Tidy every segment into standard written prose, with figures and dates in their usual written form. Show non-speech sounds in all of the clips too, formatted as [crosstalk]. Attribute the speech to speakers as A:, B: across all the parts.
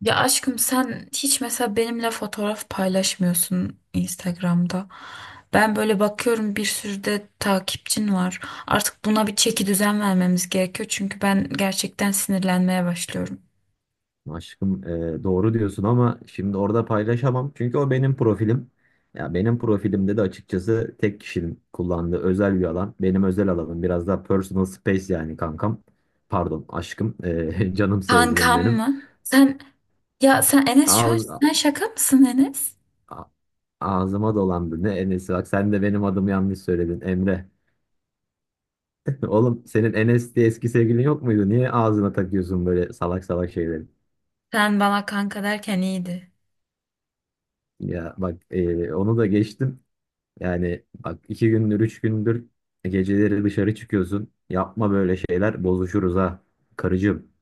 A: Ya aşkım sen hiç mesela benimle fotoğraf paylaşmıyorsun Instagram'da. Ben böyle bakıyorum, bir sürü de takipçin var. Artık buna bir çeki düzen vermemiz gerekiyor, çünkü ben gerçekten sinirlenmeye başlıyorum.
B: Aşkım doğru diyorsun ama şimdi orada paylaşamam. Çünkü o benim profilim. Ya benim profilimde de açıkçası tek kişinin kullandığı özel bir alan. Benim özel alanım biraz daha personal space yani kankam. Pardon aşkım. [laughs] Canım sevgilim
A: Kankam
B: benim.
A: mı? Sen ya sen Enes, şu an
B: Ağz,
A: sen şaka mısın Enes?
B: a- Ağzıma dolandı. Ne Enes'i bak, sen de benim adımı yanlış söyledin Emre. [laughs] Oğlum, senin Enes diye eski sevgilin yok muydu? Niye ağzına takıyorsun böyle salak salak şeyleri?
A: Sen bana kanka derken iyiydi.
B: Ya bak onu da geçtim. Yani bak 2 gündür, 3 gündür geceleri dışarı çıkıyorsun. Yapma böyle şeyler, bozuşuruz ha. Karıcığım.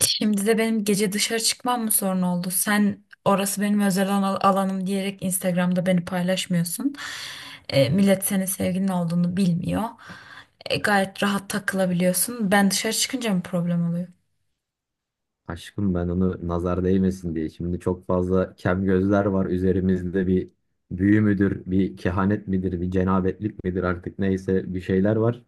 A: Şimdi de benim gece dışarı çıkmam mı sorun oldu? Sen, orası benim özel alanım diyerek Instagram'da beni paylaşmıyorsun. E, millet senin sevgilin olduğunu bilmiyor. E, gayet rahat takılabiliyorsun. Ben dışarı çıkınca mı problem oluyor?
B: Aşkım, ben onu nazar değmesin diye. Şimdi çok fazla kem gözler var üzerimizde, bir büyü müdür, bir kehanet midir, bir cenabetlik midir artık neyse bir şeyler var.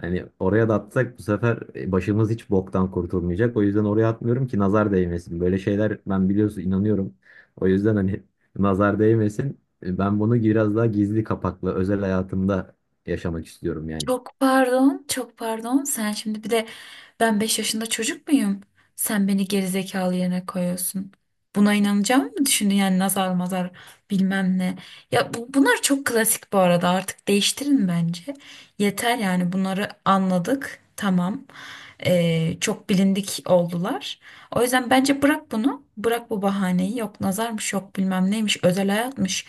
B: Hani oraya da atsak bu sefer başımız hiç boktan kurtulmayacak. O yüzden oraya atmıyorum ki nazar değmesin. Böyle şeyler ben biliyorsun inanıyorum. O yüzden hani [laughs] nazar değmesin. Ben bunu biraz daha gizli kapaklı özel hayatımda yaşamak istiyorum yani.
A: Çok pardon, çok pardon. Sen şimdi bir de, ben 5 yaşında çocuk muyum? Sen beni gerizekalı yerine koyuyorsun. Buna inanacağım mı düşündün yani, nazar mazar bilmem ne. Ya bunlar çok klasik bu arada, artık değiştirin bence. Yeter yani, bunları anladık, tamam. Çok bilindik oldular. O yüzden bence bırak bunu. Bırak bu bahaneyi. Yok nazarmış, yok bilmem neymiş, özel hayatmış,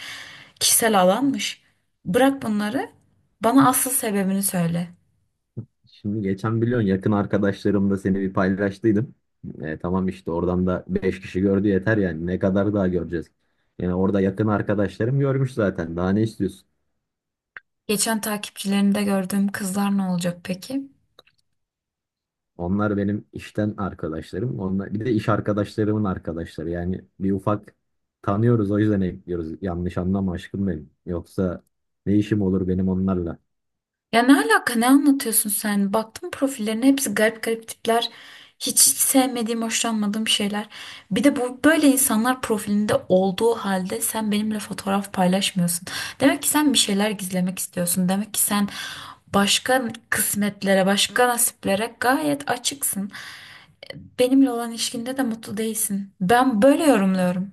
A: kişisel alanmış. Bırak bunları. Bana asıl sebebini söyle.
B: Şimdi geçen biliyorsun yakın arkadaşlarımla seni bir paylaştıydım. Tamam işte oradan da 5 kişi gördü, yeter yani. Ne kadar daha göreceğiz? Yani orada yakın arkadaşlarım görmüş zaten. Daha ne istiyorsun?
A: Geçen takipçilerinde gördüğüm kızlar ne olacak peki?
B: Onlar benim işten arkadaşlarım. Onlar bir de iş arkadaşlarımın arkadaşları. Yani bir ufak tanıyoruz, o yüzden ekliyoruz. Yanlış anlama aşkım benim. Yoksa ne işim olur benim onlarla?
A: Ya ne alaka, ne anlatıyorsun sen? Baktım profillerine, hepsi garip garip tipler. Hiç sevmediğim, hoşlanmadığım şeyler. Bir de bu böyle insanlar profilinde olduğu halde sen benimle fotoğraf paylaşmıyorsun. Demek ki sen bir şeyler gizlemek istiyorsun. Demek ki sen başka kısmetlere, başka nasiplere gayet açıksın. Benimle olan ilişkinde de mutlu değilsin. Ben böyle yorumluyorum.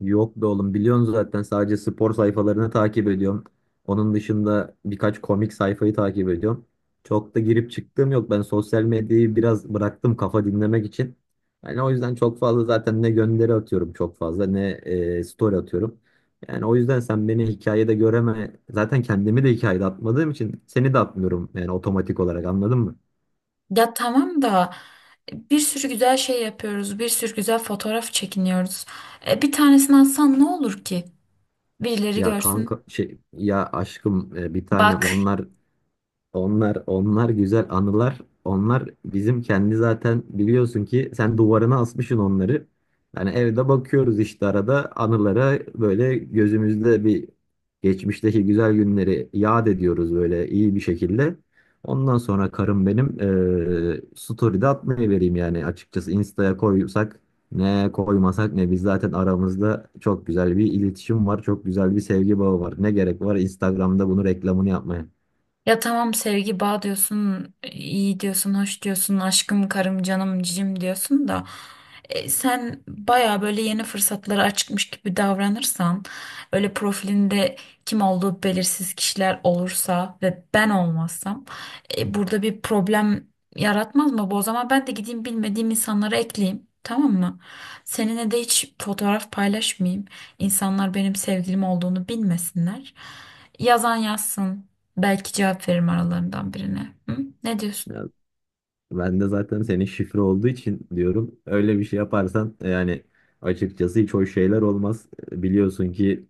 B: Yok be oğlum, biliyorsun zaten sadece spor sayfalarını takip ediyorum. Onun dışında birkaç komik sayfayı takip ediyorum. Çok da girip çıktığım yok. Ben sosyal medyayı biraz bıraktım kafa dinlemek için. Yani o yüzden çok fazla zaten ne gönderi atıyorum, çok fazla ne story atıyorum. Yani o yüzden sen beni hikayede göreme, zaten kendimi de hikayede atmadığım için seni de atmıyorum yani otomatik olarak. Anladın mı?
A: Ya tamam da, bir sürü güzel şey yapıyoruz. Bir sürü güzel fotoğraf çekiniyoruz. E, bir tanesini atsan ne olur ki? Birileri
B: Ya
A: görsün.
B: kanka şey ya aşkım bir tanem,
A: Bak.
B: onlar onlar güzel anılar. Onlar bizim kendi, zaten biliyorsun ki sen duvarına asmışsın onları. Yani evde bakıyoruz işte arada anılara, böyle gözümüzde bir geçmişteki güzel günleri yad ediyoruz böyle iyi bir şekilde. Ondan sonra karım benim story'de atmayı vereyim yani, açıkçası Insta'ya koysak ne, koymasak ne, biz zaten aramızda çok güzel bir iletişim var. Çok güzel bir sevgi bağı var. Ne gerek var Instagram'da bunu reklamını yapmaya.
A: Ya tamam, sevgi bağ diyorsun, iyi diyorsun, hoş diyorsun, aşkım, karım, canım, cicim diyorsun da, e, sen baya böyle yeni fırsatlara açıkmış gibi davranırsan, öyle profilinde kim olduğu belirsiz kişiler olursa ve ben olmazsam, e, burada bir problem yaratmaz mı bu? O zaman ben de gideyim, bilmediğim insanlara ekleyeyim. Tamam mı? Seninle de hiç fotoğraf paylaşmayayım. İnsanlar benim sevgilim olduğunu bilmesinler. Yazan yazsın. Belki cevap veririm aralarından birine. Hı? Ne diyorsun?
B: Ben de zaten senin şifre olduğu için diyorum. Öyle bir şey yaparsan yani açıkçası hiç hoş şeyler olmaz. Biliyorsun ki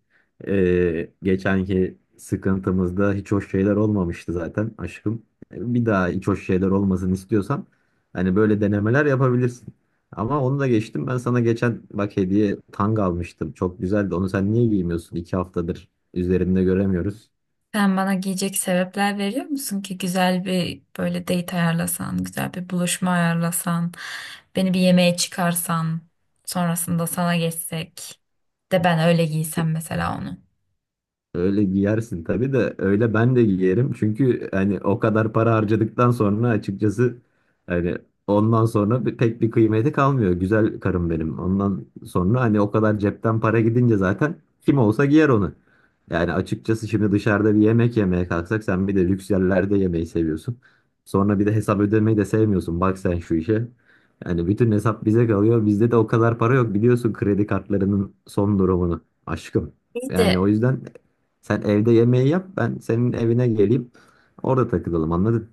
B: geçenki sıkıntımızda hiç hoş şeyler olmamıştı zaten aşkım. Bir daha hiç hoş şeyler olmasını istiyorsan hani böyle denemeler yapabilirsin. Ama onu da geçtim. Ben sana geçen bak hediye tanga almıştım. Çok güzeldi. Onu sen niye giymiyorsun? 2 haftadır üzerinde göremiyoruz.
A: Sen bana giyecek sebepler veriyor musun ki? Güzel bir böyle date ayarlasan, güzel bir buluşma ayarlasan, beni bir yemeğe çıkarsan, sonrasında sana geçsek de ben öyle giysem mesela onu.
B: Öyle giyersin tabii de öyle ben de giyerim. Çünkü hani o kadar para harcadıktan sonra açıkçası hani ondan sonra pek bir kıymeti kalmıyor. Güzel karım benim. Ondan sonra hani o kadar cepten para gidince zaten kim olsa giyer onu. Yani açıkçası şimdi dışarıda bir yemek yemeye kalksak, sen bir de lüks yerlerde yemeyi seviyorsun. Sonra bir de hesap ödemeyi de sevmiyorsun. Bak sen şu işe. Yani bütün hesap bize kalıyor. Bizde de o kadar para yok, biliyorsun kredi kartlarının son durumunu aşkım.
A: İyi
B: Yani
A: de...
B: o yüzden sen evde yemeği yap, ben senin evine geleyim. Orada takılalım. Anladın?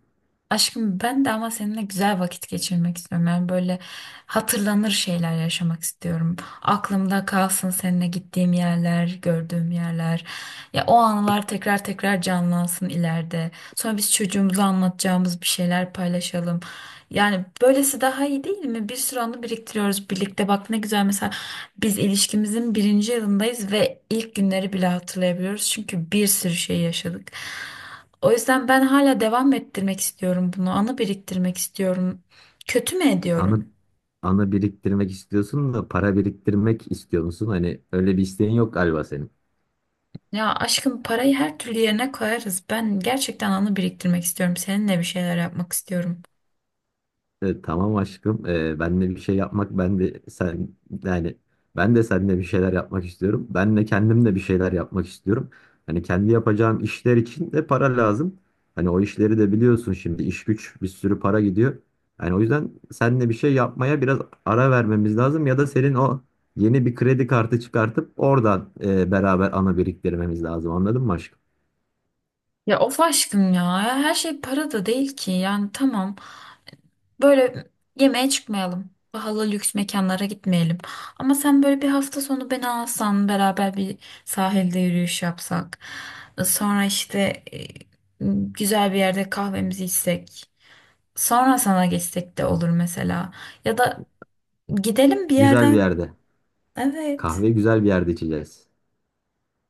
A: Aşkım, ben de ama seninle güzel vakit geçirmek istiyorum. Yani böyle hatırlanır şeyler yaşamak istiyorum. Aklımda kalsın seninle gittiğim yerler, gördüğüm yerler. Ya, o anılar tekrar tekrar canlansın ileride. Sonra biz çocuğumuza anlatacağımız bir şeyler paylaşalım. Yani böylesi daha iyi değil mi? Bir sürü anı biriktiriyoruz birlikte. Bak ne güzel mesela, biz ilişkimizin birinci yılındayız ve ilk günleri bile hatırlayabiliyoruz. Çünkü bir sürü şey yaşadık. O yüzden ben hala devam ettirmek istiyorum bunu. Anı biriktirmek istiyorum. Kötü mü
B: Anı,
A: ediyorum?
B: anı biriktirmek istiyorsun da para biriktirmek istiyor musun? Hani öyle bir isteğin yok galiba senin.
A: Ya aşkım, parayı her türlü yerine koyarız. Ben gerçekten anı biriktirmek istiyorum. Seninle bir şeyler yapmak istiyorum.
B: Evet, tamam aşkım. Benle bir şey yapmak, ben de sen, yani ben de seninle bir şeyler yapmak istiyorum. Ben de kendim de bir şeyler yapmak istiyorum. Hani kendi yapacağım işler için de para lazım. Hani o işleri de biliyorsun, şimdi iş güç bir sürü para gidiyor. Yani o yüzden seninle bir şey yapmaya biraz ara vermemiz lazım, ya da senin o yeni bir kredi kartı çıkartıp oradan beraber ana biriktirmemiz lazım. Anladın mı aşkım?
A: Ya of aşkım ya. Her şey para da değil ki. Yani tamam. Böyle yemeğe çıkmayalım. Pahalı lüks mekanlara gitmeyelim. Ama sen böyle bir hafta sonu beni alsan, beraber bir sahilde yürüyüş yapsak. Sonra işte, güzel bir yerde kahvemizi içsek. Sonra sana geçsek de olur mesela. Ya da gidelim bir
B: Güzel bir
A: yerden.
B: yerde.
A: Evet.
B: Kahve güzel bir yerde içeceğiz.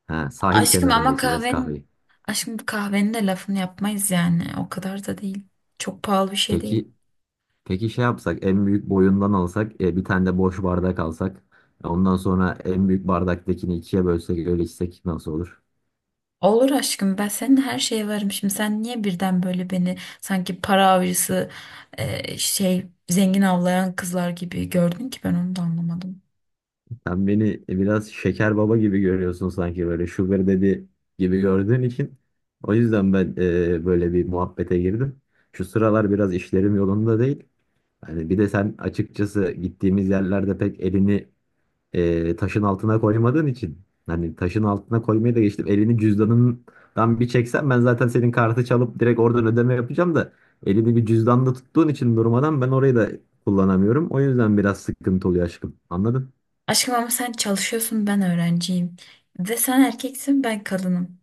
B: Ha, sahil
A: Aşkım
B: kenarında
A: ama
B: içeceğiz
A: kahvenin
B: kahveyi.
A: aşkım kahvenin de lafını yapmayız yani. O kadar da değil. Çok pahalı bir şey değil.
B: Peki. Peki Şey yapsak, en büyük boyundan alsak, bir tane de boş bardak alsak. Ondan sonra en büyük bardaktakini ikiye bölsek, öyle içsek nasıl olur?
A: Olur aşkım, ben senin her şeye varım. Şimdi sen niye birden böyle beni sanki para avcısı, şey, zengin avlayan kızlar gibi gördün ki? Ben onu da anlamadım.
B: Sen beni biraz şeker baba gibi görüyorsun sanki, böyle sugar daddy gibi gördüğün için. O yüzden ben böyle bir muhabbete girdim. Şu sıralar biraz işlerim yolunda değil. Hani bir de sen açıkçası gittiğimiz yerlerde pek elini taşın altına koymadığın için. Hani taşın altına koymayı da geçtim. Elini cüzdanından bir çeksen, ben zaten senin kartı çalıp direkt oradan ödeme yapacağım da, elini bir cüzdanda tuttuğun için durmadan, ben orayı da kullanamıyorum. O yüzden biraz sıkıntı oluyor aşkım. Anladın?
A: Aşkım ama sen çalışıyorsun, ben öğrenciyim. Ve sen erkeksin, ben kadınım.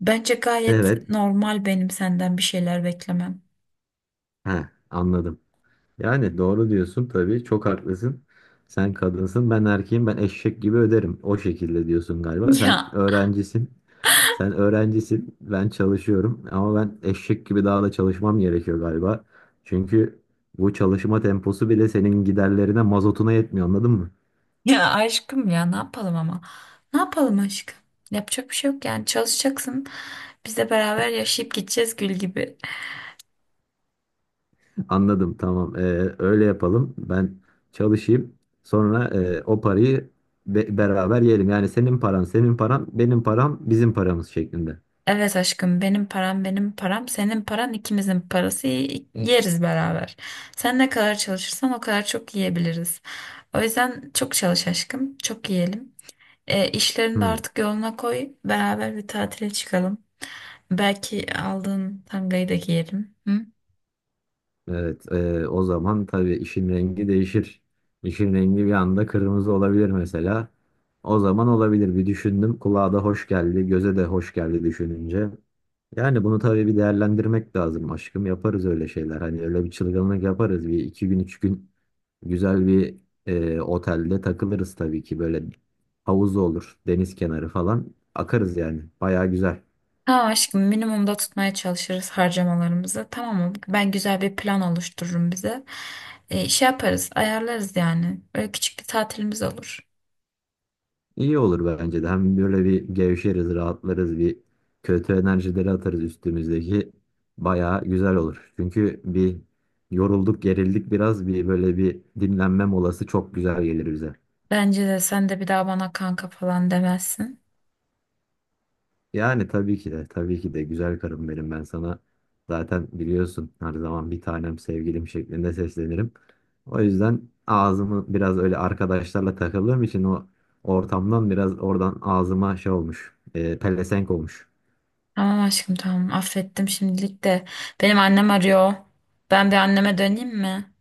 A: Bence gayet
B: Evet.
A: normal benim senden bir şeyler beklemem.
B: He, anladım. Yani doğru diyorsun tabii. Çok haklısın. Sen kadınsın, ben erkeğim, ben eşek gibi öderim. O şekilde diyorsun
A: [laughs]
B: galiba.
A: Ya,
B: Sen öğrencisin. Sen öğrencisin, ben çalışıyorum ama ben eşek gibi daha da çalışmam gerekiyor galiba. Çünkü bu çalışma temposu bile senin giderlerine, mazotuna yetmiyor, anladın mı?
A: ya aşkım ya, ne yapalım ama. Ne yapalım aşkım? Yapacak bir şey yok yani, çalışacaksın. Biz de beraber yaşayıp gideceğiz gül gibi.
B: Anladım, tamam. Öyle yapalım. Ben çalışayım. Sonra o parayı beraber yiyelim. Yani senin paran, senin paran, benim param, bizim paramız şeklinde.
A: Evet aşkım, benim param, senin paran, ikimizin parası, yeriz beraber. Sen ne kadar çalışırsan o kadar çok yiyebiliriz. O yüzden çok çalış aşkım, çok yiyelim. E, işlerini de
B: Hmm.
A: artık yoluna koy, beraber bir tatile çıkalım. Belki aldığın tangayı da giyelim. Hı?
B: Evet, o zaman tabii işin rengi değişir. İşin rengi bir anda kırmızı olabilir mesela. O zaman olabilir. Bir düşündüm. Kulağa da hoş geldi, göze de hoş geldi düşününce. Yani bunu tabii bir değerlendirmek lazım aşkım. Yaparız öyle şeyler. Hani öyle bir çılgınlık yaparız. Bir iki gün, üç gün güzel bir otelde takılırız tabii ki. Böyle havuz olur, deniz kenarı falan. Akarız yani. Bayağı güzel.
A: Tamam aşkım, minimumda tutmaya çalışırız harcamalarımızı. Tamam mı? Ben güzel bir plan oluştururum bize. E, şey yaparız, ayarlarız yani. Böyle küçük bir tatilimiz olur.
B: İyi olur bence de. Hem böyle bir gevşeriz, rahatlarız, bir kötü enerjileri atarız üstümüzdeki. Bayağı güzel olur. Çünkü bir yorulduk, gerildik biraz. Bir böyle bir dinlenme molası çok güzel gelir bize.
A: Bence de. Sen de bir daha bana kanka falan demezsin.
B: Yani tabii ki de, tabii ki de güzel karım benim. Ben sana zaten biliyorsun her zaman bir tanem, sevgilim şeklinde seslenirim. O yüzden ağzımı biraz öyle arkadaşlarla takıldığım için, o ortamdan biraz, oradan ağzıma şey olmuş, pelesenk olmuş.
A: Tamam aşkım, tamam, affettim şimdilik de. Benim annem arıyor. Ben bir anneme döneyim mi?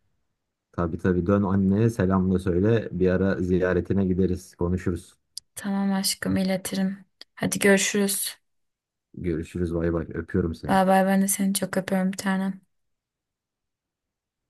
B: Tabii tabii, dön anneye, selamla söyle. Bir ara ziyaretine gideriz, konuşuruz.
A: Tamam aşkım, iletirim. Hadi görüşürüz.
B: Görüşürüz, bay bay. Öpüyorum seni.
A: Bay bay, ben de seni çok öpüyorum bir tanem.